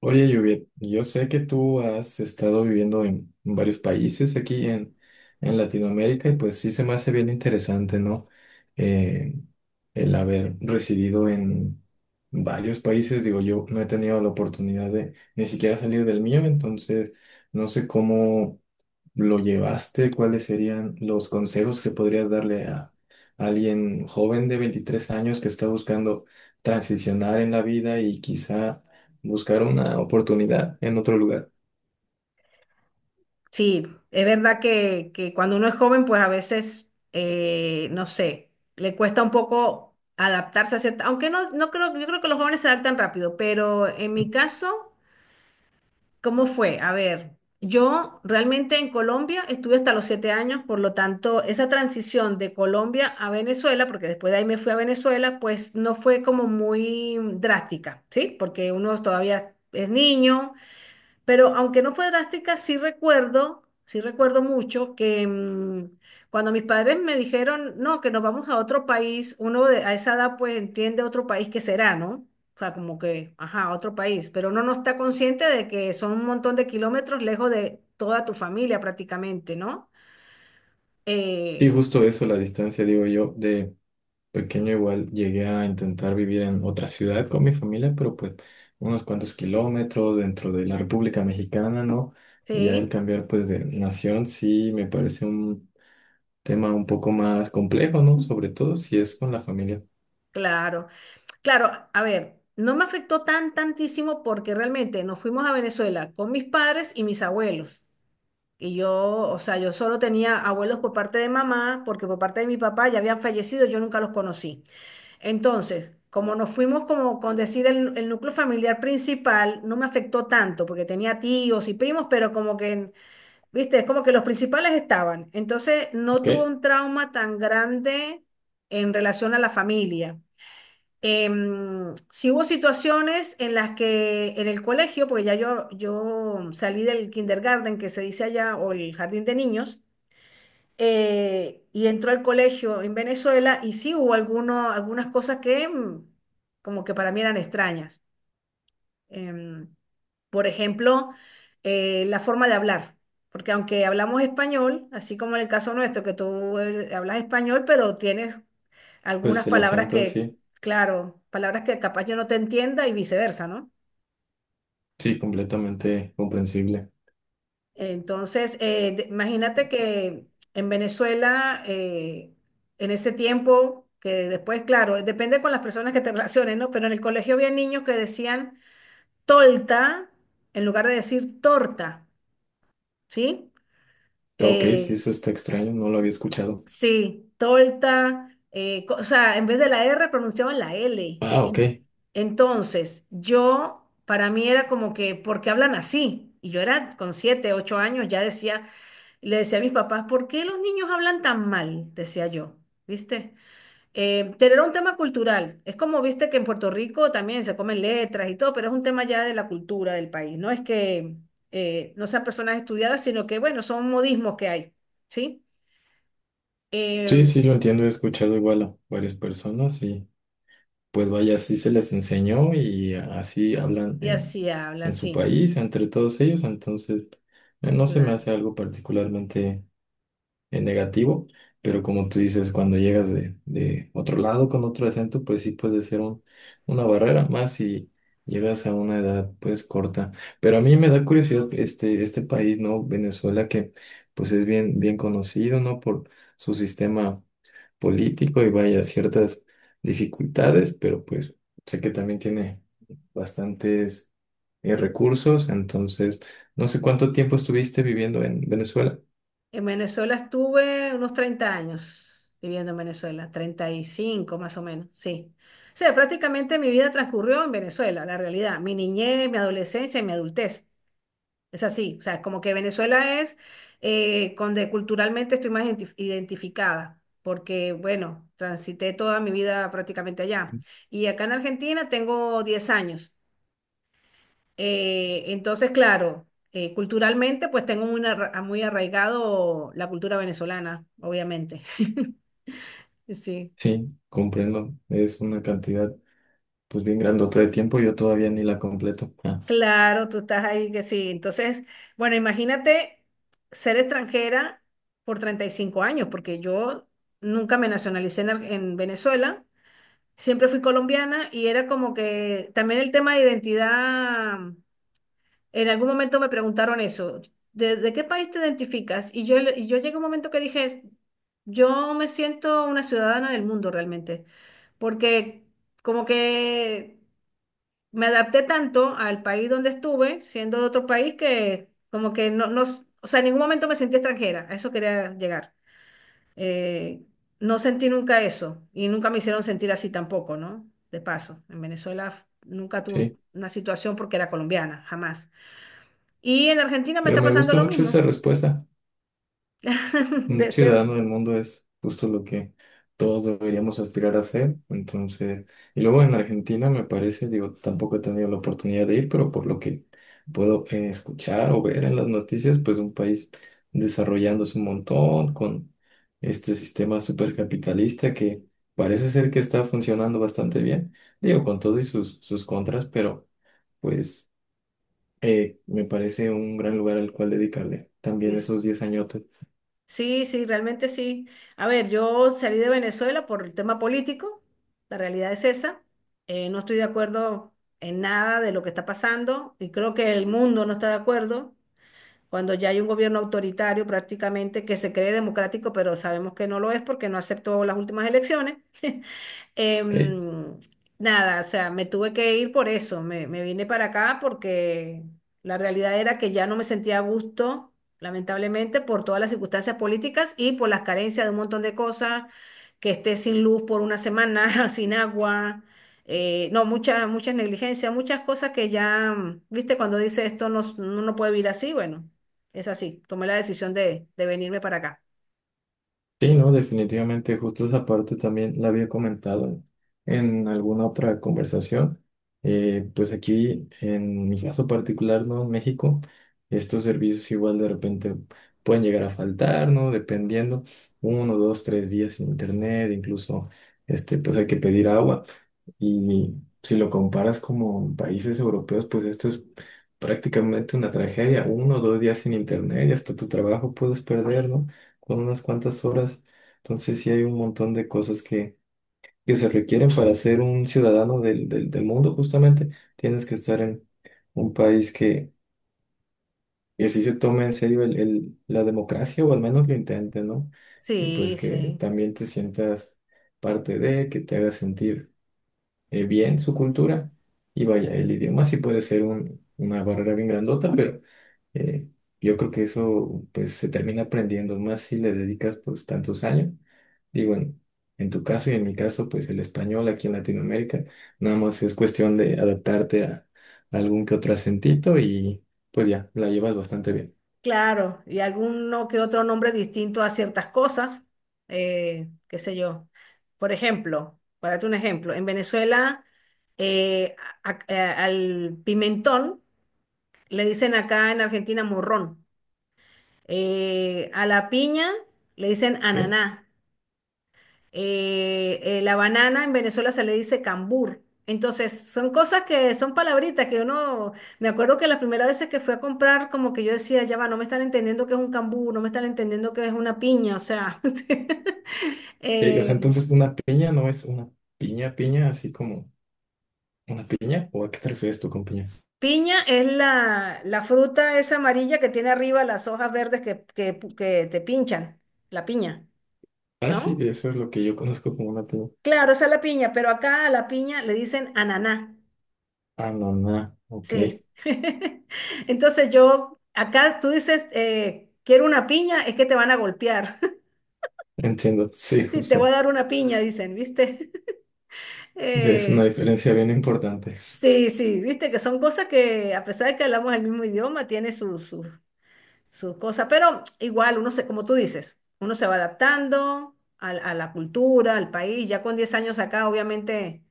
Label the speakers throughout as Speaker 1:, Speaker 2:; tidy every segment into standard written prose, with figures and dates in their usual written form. Speaker 1: Oye, Juviet, yo sé que tú has estado viviendo en varios países aquí en Latinoamérica y pues sí se me hace bien interesante, ¿no? Eh, el haber residido en varios países, digo, yo no he tenido la oportunidad de ni siquiera salir del mío, entonces no sé cómo ¿lo llevaste? ¿Cuáles serían los consejos que podrías darle a alguien joven de 23 años que está buscando transicionar en la vida y quizá buscar una oportunidad en otro lugar?
Speaker 2: Sí, es verdad que cuando uno es joven, pues a veces, no sé, le cuesta un poco adaptarse a cierta, aunque no, no creo, yo creo que los jóvenes se adaptan rápido, pero en mi caso, ¿cómo fue? A ver, yo realmente en Colombia estuve hasta los 7 años, por lo tanto, esa transición de Colombia a Venezuela, porque después de ahí me fui a Venezuela, pues no fue como muy drástica, ¿sí? Porque uno todavía es niño, pero aunque no fue drástica, sí recuerdo mucho que cuando mis padres me dijeron, no, que nos vamos a otro país, a esa edad pues entiende otro país que será, ¿no? O sea, como que, ajá, otro país, pero uno no está consciente de que son un montón de kilómetros lejos de toda tu familia prácticamente, ¿no?
Speaker 1: Sí,
Speaker 2: Eh,
Speaker 1: justo eso, la distancia, digo yo, de pequeño igual llegué a intentar vivir en otra ciudad con mi familia, pero pues unos cuantos kilómetros dentro de la República Mexicana, ¿no? Y ya el
Speaker 2: sí,
Speaker 1: cambiar pues de nación sí me parece un tema un poco más complejo, ¿no? Sobre todo si es con la familia.
Speaker 2: claro. Claro, a ver, no me afectó tantísimo porque realmente nos fuimos a Venezuela con mis padres y mis abuelos. Y yo, o sea, yo solo tenía abuelos por parte de mamá, porque por parte de mi papá ya habían fallecido, yo nunca los conocí. Entonces, como nos fuimos como con decir el núcleo familiar principal, no me afectó tanto, porque tenía tíos y primos, pero como que, viste, es como que los principales estaban. Entonces, no
Speaker 1: Ok,
Speaker 2: tuve un trauma tan grande en relación a la familia. Sí hubo situaciones en las que en el colegio, porque ya yo salí del kindergarten que se dice allá, o el jardín de niños, y entró al colegio en Venezuela y sí hubo algunas cosas que como que para mí eran extrañas. Em, por ejemplo, la forma de hablar, porque aunque hablamos español, así como en el caso nuestro, que tú hablas español, pero tienes algunas
Speaker 1: pues el
Speaker 2: palabras
Speaker 1: acento,
Speaker 2: que,
Speaker 1: sí,
Speaker 2: claro, palabras que capaz yo no te entienda y viceversa, ¿no?
Speaker 1: sí, completamente comprensible.
Speaker 2: Entonces, imagínate que en Venezuela, en ese tiempo, que después, claro, depende con las personas que te relaciones, ¿no? Pero en el colegio había niños que decían tolta en lugar de decir torta, ¿sí?
Speaker 1: Ok, sí,
Speaker 2: Eh,
Speaker 1: eso está extraño, no lo había escuchado.
Speaker 2: sí, tolta, o sea, en vez de la R pronunciaban la L.
Speaker 1: Ah, ok.
Speaker 2: Entonces, para mí era como que, ¿por qué hablan así? Y yo era con 7, 8 años, le decía a mis papás, ¿por qué los niños hablan tan mal? Decía yo, ¿viste? Tener un tema cultural. Es como, viste, que en Puerto Rico también se comen letras y todo, pero es un tema ya de la cultura del país. No es que no sean personas estudiadas, sino que, bueno, son modismos que hay, ¿sí?
Speaker 1: Sí,
Speaker 2: Eh,
Speaker 1: sí, lo entiendo, he escuchado igual a varias personas y pues vaya, así se les enseñó y así hablan
Speaker 2: y así
Speaker 1: en
Speaker 2: hablan,
Speaker 1: su
Speaker 2: sí,
Speaker 1: país, entre todos ellos, entonces no se me
Speaker 2: claro.
Speaker 1: hace algo particularmente en negativo, pero como tú dices, cuando llegas de otro lado con otro acento, pues sí puede ser una barrera más si llegas a una edad pues corta. Pero a mí me da curiosidad este país, ¿no? Venezuela, que pues es bien, bien conocido, ¿no? Por su sistema político y vaya ciertas dificultades, pero pues sé que también tiene bastantes recursos, entonces no sé cuánto tiempo estuviste viviendo en Venezuela.
Speaker 2: En Venezuela estuve unos 30 años viviendo en Venezuela, 35 más o menos, sí. O sea, prácticamente mi vida transcurrió en Venezuela, la realidad, mi niñez, mi adolescencia y mi adultez. Es así, o sea, es como que Venezuela es donde culturalmente estoy más identificada, porque, bueno, transité toda mi vida prácticamente allá. Y acá en Argentina tengo 10 años. Entonces, claro, culturalmente, pues tengo muy arraigado la cultura venezolana, obviamente. Sí,
Speaker 1: Sí, comprendo. Es una cantidad, pues bien grandota de tiempo. Yo todavía ni la completo. Ah,
Speaker 2: claro, tú estás ahí que sí. Entonces, bueno, imagínate ser extranjera por 35 años, porque yo nunca me nacionalicé en Venezuela, siempre fui colombiana y era como que también el tema de identidad. En algún momento me preguntaron eso, ¿de qué país te identificas? Y yo llegué a un momento que dije, yo me siento una ciudadana del mundo realmente, porque como que me adapté tanto al país donde estuve, siendo de otro país, que como que no, no, o sea, en ningún momento me sentí extranjera, a eso quería llegar. Eh, no sentí nunca eso y nunca me hicieron sentir así tampoco, ¿no? De paso, en Venezuela nunca tuve
Speaker 1: sí,
Speaker 2: una situación porque era colombiana, jamás. Y en Argentina me
Speaker 1: pero
Speaker 2: está
Speaker 1: me
Speaker 2: pasando
Speaker 1: gusta
Speaker 2: lo
Speaker 1: mucho esa
Speaker 2: mismo.
Speaker 1: respuesta. Un
Speaker 2: de ser,
Speaker 1: ciudadano del mundo es justo lo que todos deberíamos aspirar a ser. Entonces, y luego en Argentina me parece, digo, tampoco he tenido la oportunidad de ir, pero por lo que puedo escuchar o ver en las noticias, pues un país desarrollándose un montón con este sistema supercapitalista que parece ser que está funcionando bastante bien, digo, con todo y sus contras, pero pues me parece un gran lugar al cual dedicarle también
Speaker 2: es-
Speaker 1: esos 10 añotes.
Speaker 2: sí, sí, realmente sí. A ver, yo salí de Venezuela por el tema político, la realidad es esa. No estoy de acuerdo en nada de lo que está pasando y creo que el mundo no está de acuerdo cuando ya hay un gobierno autoritario prácticamente que se cree democrático, pero sabemos que no lo es porque no aceptó las últimas elecciones.
Speaker 1: ¿Ok?
Speaker 2: Em, nada, o sea, me tuve que ir por eso, me vine para acá porque la realidad era que ya no me sentía a gusto, lamentablemente, por todas las circunstancias políticas y por las carencias de un montón de cosas, que esté sin luz por una semana, sin agua, no, muchas, muchas negligencias, muchas cosas que ya, viste, cuando dice esto no, no, no puede vivir así, bueno, es así, tomé la decisión de venirme para acá.
Speaker 1: Sí, no, definitivamente, justo esa parte también la había comentado en alguna otra conversación. Pues aquí, en mi caso particular, ¿no? En México, estos servicios igual de repente pueden llegar a faltar, ¿no? Dependiendo, uno, dos, tres días sin internet, incluso, pues hay que pedir agua. Y si lo comparas como países europeos, pues esto es prácticamente una tragedia. Uno o dos días sin internet y hasta tu trabajo puedes perder, ¿no? Con unas cuantas horas. Entonces sí hay un montón de cosas que se requieren para ser un ciudadano del mundo, justamente. Tienes que estar en un país que sí se tome en serio la democracia o al menos lo intente, ¿no? Y pues
Speaker 2: Sí,
Speaker 1: que
Speaker 2: sí.
Speaker 1: también te sientas parte de, que te haga sentir bien su cultura. Y vaya, el idioma sí puede ser una barrera bien grandota, pero eh, yo creo que eso pues se termina aprendiendo más si le dedicas pues tantos años. Digo, en tu caso y en mi caso, pues el español aquí en Latinoamérica, nada más es cuestión de adaptarte a algún que otro acentito y pues ya, la llevas bastante bien.
Speaker 2: Claro, y alguno que otro nombre distinto a ciertas cosas, qué sé yo. Por ejemplo, para darte un ejemplo, en Venezuela eh, al pimentón le dicen acá en Argentina morrón. A la piña le dicen
Speaker 1: ¿Ok?
Speaker 2: ananá. La banana en Venezuela se le dice cambur. Entonces, son cosas que son palabritas que uno, me acuerdo que las primeras veces que fui a comprar, como que yo decía, ya va, no me están entendiendo qué es un cambur, no me están entendiendo qué es una piña, o sea,
Speaker 1: O sea,
Speaker 2: eh,
Speaker 1: entonces una piña no es una piña, piña, así como una piña, ¿o a qué te refieres tú con piña?
Speaker 2: piña es la fruta esa amarilla que tiene arriba las hojas verdes que te pinchan, la piña,
Speaker 1: Ah, sí,
Speaker 2: ¿no?
Speaker 1: eso es lo que yo conozco como una piña.
Speaker 2: Claro, esa es la piña, pero acá a la piña le dicen ananá.
Speaker 1: Ah, no, no, ok.
Speaker 2: Sí. Entonces yo, acá tú dices, quiero una piña, es que te van a golpear.
Speaker 1: Entiendo, sí,
Speaker 2: Sí, te voy
Speaker 1: justo.
Speaker 2: a dar una piña, dicen, ¿viste?
Speaker 1: Ya es una
Speaker 2: Eh,
Speaker 1: diferencia bien importante.
Speaker 2: sí, sí, viste que son cosas que a pesar de que hablamos el mismo idioma, tiene sus cosas, pero igual uno se, como tú dices, uno se va adaptando a la cultura, al país, ya con 10 años acá obviamente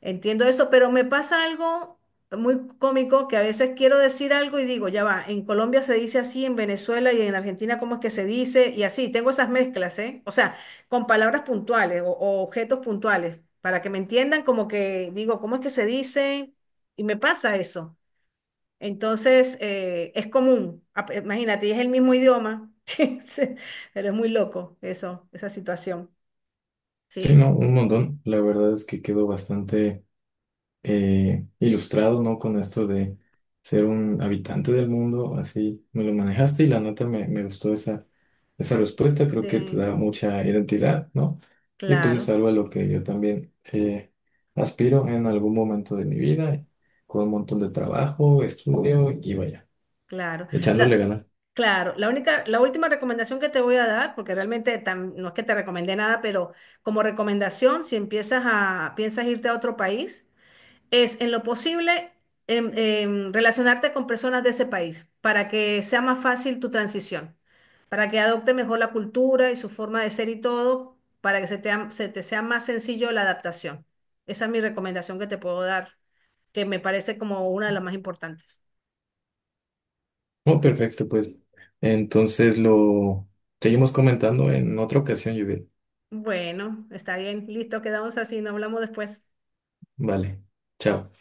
Speaker 2: entiendo eso, pero me pasa algo muy cómico que a veces quiero decir algo y digo, ya va, en Colombia se dice así, en Venezuela y en Argentina cómo es que se dice y así, tengo esas mezclas, ¿eh? O sea, con palabras puntuales o objetos puntuales, para que me entiendan como que digo, ¿cómo es que se dice? Y me pasa eso. Entonces, es común, imagínate, y es el mismo idioma. Sí, sí, pero es muy loco eso, esa situación.
Speaker 1: Sí,
Speaker 2: Sí,
Speaker 1: no, un montón. La verdad es que quedo bastante ilustrado, ¿no? Con esto de ser un habitante del mundo, así me lo manejaste y la neta me gustó esa respuesta. Creo que te
Speaker 2: sí,
Speaker 1: da mucha identidad, ¿no? Y pues es
Speaker 2: claro,
Speaker 1: algo a lo que yo también aspiro en algún momento de mi vida, con un montón de trabajo, estudio y vaya.
Speaker 2: claro.
Speaker 1: Echándole
Speaker 2: La,
Speaker 1: ganas.
Speaker 2: claro, la última recomendación que te voy a dar, porque realmente no es que te recomendé nada, pero como recomendación, si piensas irte a otro país, es en lo posible relacionarte con personas de ese país para que sea más fácil tu transición, para que adopte mejor la cultura y su forma de ser y todo, para que se te sea más sencillo la adaptación. Esa es mi recomendación que te puedo dar, que me parece como una de las más importantes.
Speaker 1: Oh, perfecto, pues. Entonces lo seguimos comentando en otra ocasión, Judith.
Speaker 2: Bueno, está bien, listo, quedamos así, nos hablamos después.
Speaker 1: Vale. Chao.